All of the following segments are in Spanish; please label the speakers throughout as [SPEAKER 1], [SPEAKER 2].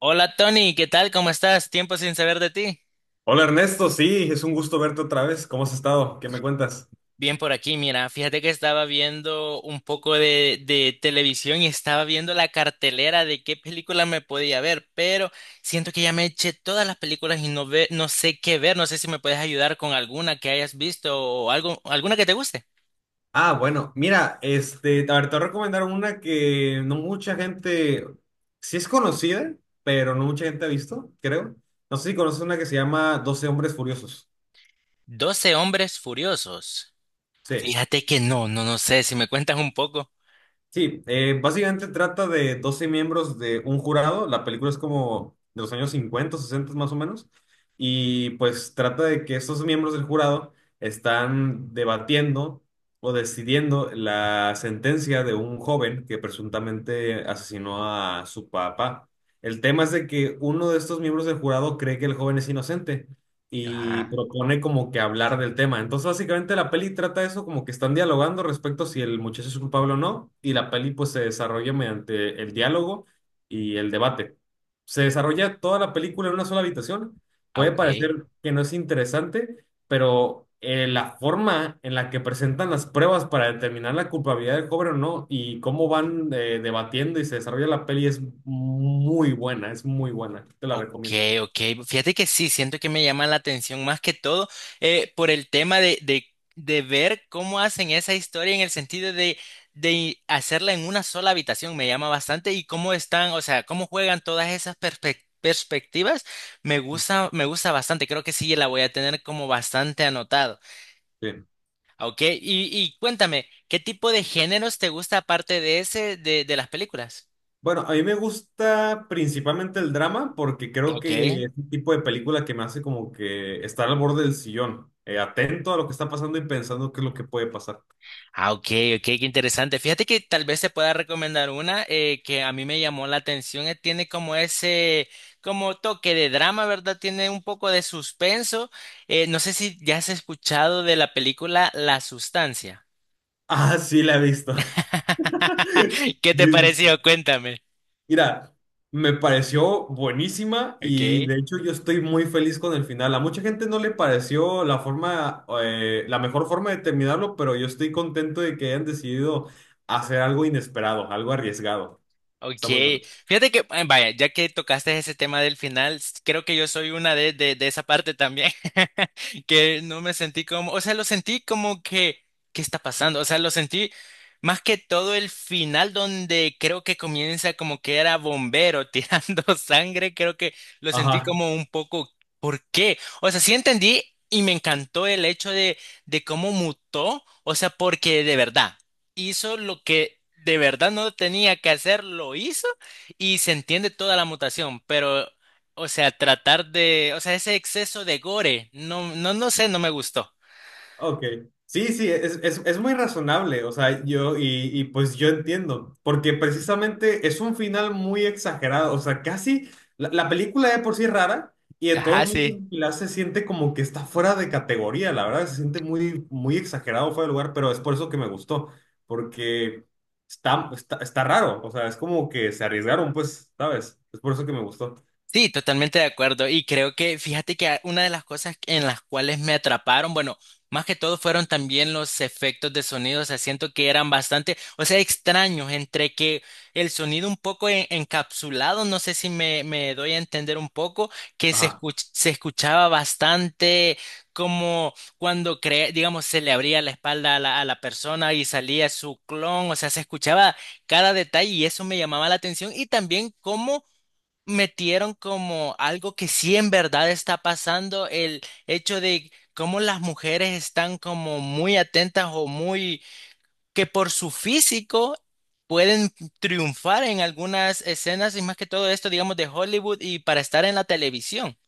[SPEAKER 1] Hola Tony, ¿qué tal? ¿Cómo estás? Tiempo sin saber de ti.
[SPEAKER 2] Hola Ernesto, sí, es un gusto verte otra vez. ¿Cómo has estado? ¿Qué me cuentas?
[SPEAKER 1] Bien por aquí, mira, fíjate que estaba viendo un poco de televisión y estaba viendo la cartelera de qué película me podía ver, pero siento que ya me eché todas las películas y no sé qué ver, no sé si me puedes ayudar con alguna que hayas visto o algo, alguna que te guste.
[SPEAKER 2] Ah, bueno, mira, este, a ver, te voy a recomendar una que no mucha gente, sí es conocida, pero no mucha gente ha visto, creo. No sé si conoces una que se llama Doce Hombres Furiosos.
[SPEAKER 1] Doce hombres furiosos.
[SPEAKER 2] Sí.
[SPEAKER 1] Fíjate que no sé si me cuentas un poco.
[SPEAKER 2] Sí, básicamente trata de 12 miembros de un jurado. La película es como de los años 50, 60 más o menos. Y pues trata de que estos miembros del jurado están debatiendo o decidiendo la sentencia de un joven que presuntamente asesinó a su papá. El tema es de que uno de estos miembros del jurado cree que el joven es inocente y
[SPEAKER 1] Ajá.
[SPEAKER 2] propone como que hablar del tema. Entonces, básicamente la peli trata eso como que están dialogando respecto a si el muchacho es culpable o no, y la peli pues se desarrolla mediante el diálogo y el debate. Se desarrolla toda la película en una sola habitación.
[SPEAKER 1] Ah,
[SPEAKER 2] Puede
[SPEAKER 1] ok.
[SPEAKER 2] parecer que no es interesante, pero la forma en la que presentan las pruebas para determinar la culpabilidad del joven o no y cómo van debatiendo y se desarrolla la peli es muy buena, es muy buena. Te la
[SPEAKER 1] Ok,
[SPEAKER 2] recomiendo.
[SPEAKER 1] ok. Fíjate que sí, siento que me llama la atención más que todo por el tema de ver cómo hacen esa historia en el sentido de hacerla en una sola habitación. Me llama bastante y cómo están, o sea, cómo juegan todas esas perspectivas. Me gusta bastante. Creo que sí, la voy a tener como bastante anotado.
[SPEAKER 2] Sí.
[SPEAKER 1] Ah, ok, y cuéntame, ¿qué tipo de géneros te gusta aparte de ese de las películas?
[SPEAKER 2] Bueno, a mí me gusta principalmente el drama porque creo
[SPEAKER 1] Ok.
[SPEAKER 2] que es un tipo de película que me hace como que estar al borde del sillón, atento a lo que está pasando y pensando qué es lo que puede pasar.
[SPEAKER 1] Ah, ok, ok, qué interesante. Fíjate que tal vez se pueda recomendar una que a mí me llamó la atención. Tiene como ese, como toque de drama, ¿verdad? Tiene un poco de suspenso. No sé si ya has escuchado de la película La Sustancia.
[SPEAKER 2] Ah, sí, la he visto.
[SPEAKER 1] ¿Qué te
[SPEAKER 2] Jesus.
[SPEAKER 1] pareció? Cuéntame.
[SPEAKER 2] Mira, me pareció buenísima y de
[SPEAKER 1] Ok.
[SPEAKER 2] hecho yo estoy muy feliz con el final. A mucha gente no le pareció la forma, la mejor forma de terminarlo, pero yo estoy contento de que hayan decidido hacer algo inesperado, algo arriesgado.
[SPEAKER 1] Ok,
[SPEAKER 2] Está muy bueno.
[SPEAKER 1] fíjate que, vaya, ya que tocaste ese tema del final, creo que yo soy una de esa parte también, que no me sentí como, o sea, lo sentí como que, ¿qué está pasando? O sea, lo sentí más que todo el final donde creo que comienza como que era bombero tirando sangre, creo que lo sentí
[SPEAKER 2] Ajá.
[SPEAKER 1] como un poco, ¿por qué? O sea, sí entendí y me encantó el hecho de cómo mutó, o sea, porque de verdad hizo lo que de verdad no tenía que hacer, lo hizo y se entiende toda la mutación, pero, o sea, tratar de, o sea, ese exceso de gore, no sé, no me gustó.
[SPEAKER 2] Ok. Sí, sí, es muy razonable, o sea, yo, y pues yo entiendo, porque precisamente es un final muy exagerado, o sea, casi, la película de por sí es rara, y de
[SPEAKER 1] Ajá,
[SPEAKER 2] todos
[SPEAKER 1] sí.
[SPEAKER 2] modos Pilar se siente como que está fuera de categoría, la verdad, se siente muy, muy exagerado, fuera de lugar, pero es por eso que me gustó, porque está raro, o sea, es como que se arriesgaron, pues, ¿sabes? Es por eso que me gustó.
[SPEAKER 1] Sí, totalmente de acuerdo. Y creo que, fíjate que una de las cosas en las cuales me atraparon, bueno, más que todo fueron también los efectos de sonido. O sea, siento que eran bastante, o sea, extraños entre que el sonido un poco encapsulado, no sé si me doy a entender un poco, que
[SPEAKER 2] Ajá.
[SPEAKER 1] se escuchaba bastante como cuando, digamos, se le abría la espalda a la persona y salía su clon. O sea, se escuchaba cada detalle y eso me llamaba la atención. Y también cómo metieron como algo que sí en verdad está pasando, el hecho de cómo las mujeres están como muy atentas o muy que por su físico pueden triunfar en algunas escenas y más que todo esto, digamos, de Hollywood y para estar en la televisión.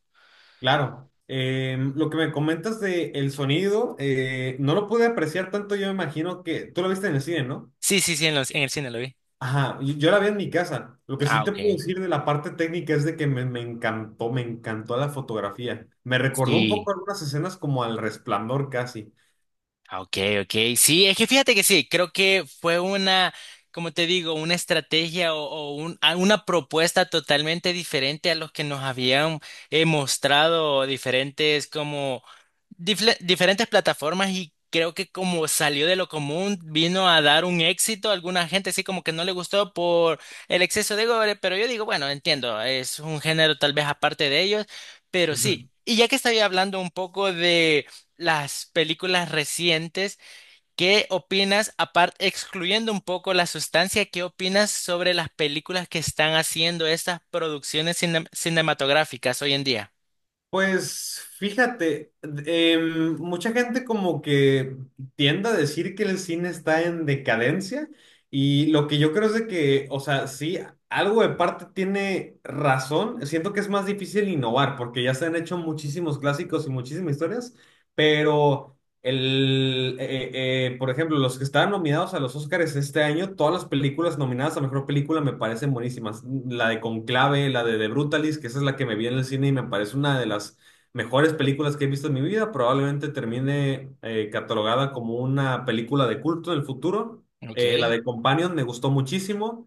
[SPEAKER 2] Claro, lo que me comentas de el sonido, no lo pude apreciar tanto, yo me imagino que tú lo viste en el cine, ¿no?
[SPEAKER 1] Sí, sí, sí, en el cine lo vi.
[SPEAKER 2] Ajá, yo la vi en mi casa. Lo que sí
[SPEAKER 1] Ah,
[SPEAKER 2] te
[SPEAKER 1] ok.
[SPEAKER 2] puedo decir de la parte técnica es de que me encantó, me encantó la fotografía. Me recordó un poco
[SPEAKER 1] Sí.
[SPEAKER 2] algunas escenas como al Resplandor casi.
[SPEAKER 1] Ah, ok, ok. Sí, es que fíjate que sí, creo que fue una, como te digo, una estrategia o una propuesta totalmente diferente a los que nos habían mostrado diferentes como diferentes plataformas y creo que como salió de lo común, vino a dar un éxito. Alguna gente sí como que no le gustó por el exceso de gore, pero yo digo, bueno, entiendo, es un género tal vez aparte de ellos, pero sí. Y ya que estaba hablando un poco de las películas recientes. ¿Qué opinas, aparte, excluyendo un poco la sustancia, qué opinas sobre las películas que están haciendo estas producciones cinematográficas hoy en día?
[SPEAKER 2] Pues fíjate, mucha gente como que tiende a decir que el cine está en decadencia y lo que yo creo es de que, o sea, sí, algo de parte tiene razón, siento que es más difícil innovar porque ya se han hecho muchísimos clásicos y muchísimas historias, pero... Por ejemplo, los que estaban nominados a los Oscars este año, todas las películas nominadas a mejor película me parecen buenísimas. La de Conclave, la de The Brutalist, que esa es la que me vi en el cine y me parece una de las mejores películas que he visto en mi vida. Probablemente termine catalogada como una película de culto en el futuro.
[SPEAKER 1] Ok,
[SPEAKER 2] La de Companion me gustó muchísimo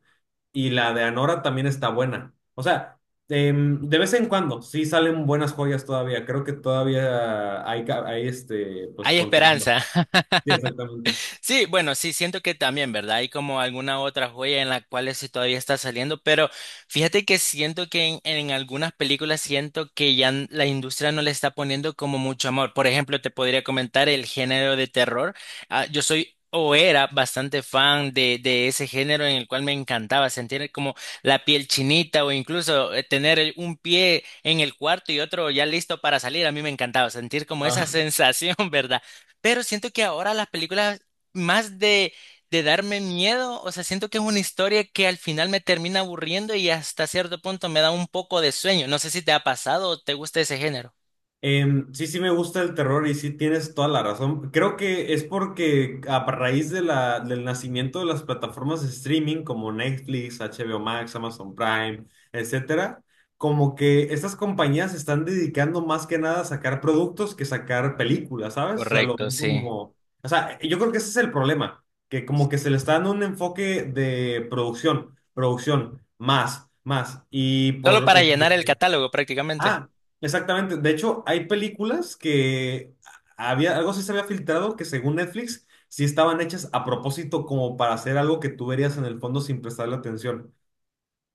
[SPEAKER 2] y la de Anora también está buena. O sea, de vez en cuando, sí salen buenas joyas todavía. Creo que todavía hay este, pues
[SPEAKER 1] hay
[SPEAKER 2] contenido.
[SPEAKER 1] esperanza.
[SPEAKER 2] Sí, exactamente.
[SPEAKER 1] Sí, bueno, sí, siento que también, ¿verdad? Hay como alguna otra joya en la cual sí todavía está saliendo, pero fíjate que siento que en algunas películas siento que ya la industria no le está poniendo como mucho amor. Por ejemplo, te podría comentar el género de terror. Ah, yo soy o era bastante fan de ese género en el cual me encantaba sentir como la piel chinita o incluso tener un pie en el cuarto y otro ya listo para salir. A mí me encantaba sentir como esa
[SPEAKER 2] Ah.
[SPEAKER 1] sensación, ¿verdad? Pero siento que ahora las películas más de darme miedo, o sea, siento que es una historia que al final me termina aburriendo y hasta cierto punto me da un poco de sueño. No sé si te ha pasado o te gusta ese género.
[SPEAKER 2] Sí, sí me gusta el terror y sí tienes toda la razón. Creo que es porque a raíz de del nacimiento de las plataformas de streaming como Netflix, HBO Max, Amazon Prime, etcétera, como que estas compañías se están dedicando más que nada a sacar productos que sacar películas, ¿sabes? O sea, lo
[SPEAKER 1] Correcto,
[SPEAKER 2] ven
[SPEAKER 1] sí.
[SPEAKER 2] como... O sea, yo creo que ese es el problema, que como que se le está dando un enfoque de producción, producción, más, más.
[SPEAKER 1] Solo para llenar el catálogo prácticamente.
[SPEAKER 2] Ah, exactamente. De hecho, hay películas que había, algo sí se había filtrado que según Netflix sí estaban hechas a propósito como para hacer algo que tú verías en el fondo sin prestarle atención.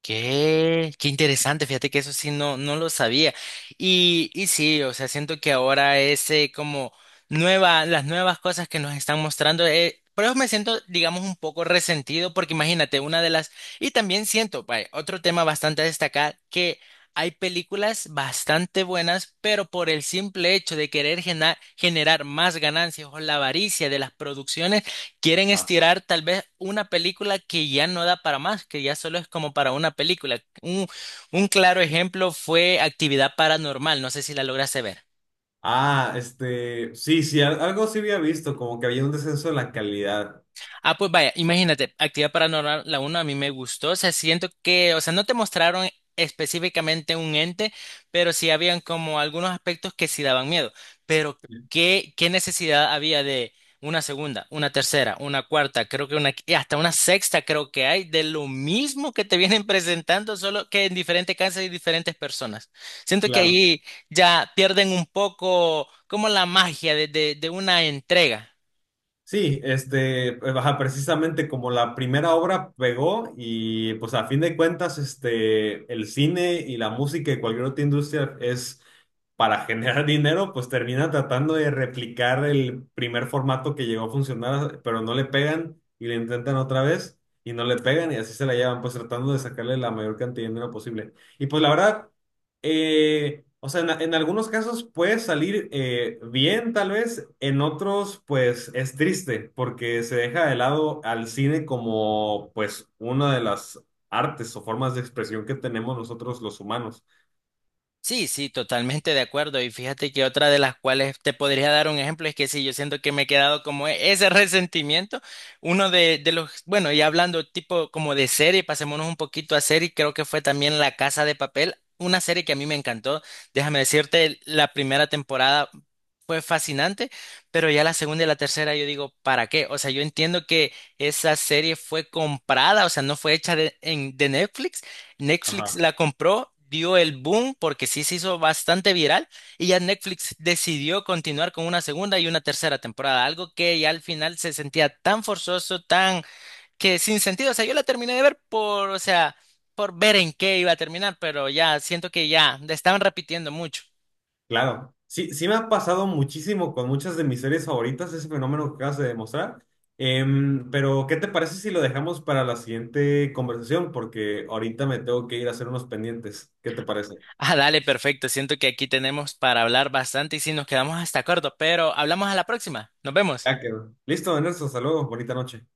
[SPEAKER 1] Qué interesante, fíjate que eso sí no lo sabía. Y sí, o sea, siento que ahora ese como las nuevas cosas que nos están mostrando, por eso me siento, digamos, un poco resentido, porque imagínate, una de las, y también siento, vaya, otro tema bastante a destacar, que hay películas bastante buenas, pero por el simple hecho de querer generar más ganancias o la avaricia de las producciones. Quieren
[SPEAKER 2] Ah,
[SPEAKER 1] estirar tal vez una película que ya no da para más, que ya solo es como para una película. Un claro ejemplo fue Actividad Paranormal, no sé si la lograste ver.
[SPEAKER 2] Este, sí, sí, algo sí había visto, como que había un descenso de la calidad.
[SPEAKER 1] Ah, pues vaya, imagínate, Actividad Paranormal, la uno a mí me gustó, o sea, siento que, o sea, no te mostraron específicamente un ente, pero sí habían como algunos aspectos que sí daban miedo, pero ¿qué necesidad había de una segunda, una tercera, una cuarta, creo que una, y hasta una sexta creo que hay, de lo mismo que te vienen presentando, solo que en diferentes casas y diferentes personas. Siento que
[SPEAKER 2] Claro.
[SPEAKER 1] ahí ya pierden un poco como la magia de, de una entrega.
[SPEAKER 2] Sí, este, pues, ajá, precisamente como la primera obra pegó y pues a fin de cuentas, este, el cine y la música y cualquier otra industria es para generar dinero, pues termina tratando de replicar el primer formato que llegó a funcionar, pero no le pegan y le intentan otra vez y no le pegan y así se la llevan, pues tratando de sacarle la mayor cantidad de dinero posible. Y pues la verdad, o sea, en algunos casos puede salir bien, tal vez, en otros, pues es triste, porque se deja de lado al cine como, pues, una de las artes o formas de expresión que tenemos nosotros los humanos.
[SPEAKER 1] Sí, sí, totalmente de acuerdo. Y fíjate que otra de las cuales te podría dar un ejemplo es que sí, yo siento que me he quedado como ese resentimiento. Uno de los, bueno, y hablando tipo como de serie, pasémonos un poquito a serie, creo que fue también La Casa de Papel, una serie que a mí me encantó. Déjame decirte, la primera temporada fue fascinante, pero ya la segunda y la tercera yo digo, ¿para qué? O sea, yo entiendo que esa serie fue comprada, o sea, no fue hecha de, de Netflix. Netflix
[SPEAKER 2] Ajá.
[SPEAKER 1] la compró, dio el boom porque sí se hizo bastante viral y ya Netflix decidió continuar con una segunda y una tercera temporada, algo que ya al final se sentía tan forzoso, tan que sin sentido, o sea, yo la terminé de ver por, o sea, por ver en qué iba a terminar, pero ya siento que ya le estaban repitiendo mucho.
[SPEAKER 2] Claro. Sí, sí me ha pasado muchísimo con muchas de mis series favoritas ese fenómeno que acabas de demostrar. Pero, ¿qué te parece si lo dejamos para la siguiente conversación? Porque ahorita me tengo que ir a hacer unos pendientes. ¿Qué te parece?
[SPEAKER 1] Ah, dale, perfecto, siento que aquí tenemos para hablar bastante y si nos quedamos hasta corto, pero hablamos a la próxima, nos vemos.
[SPEAKER 2] Ya quedó. Listo, Ernesto, saludos, bonita noche.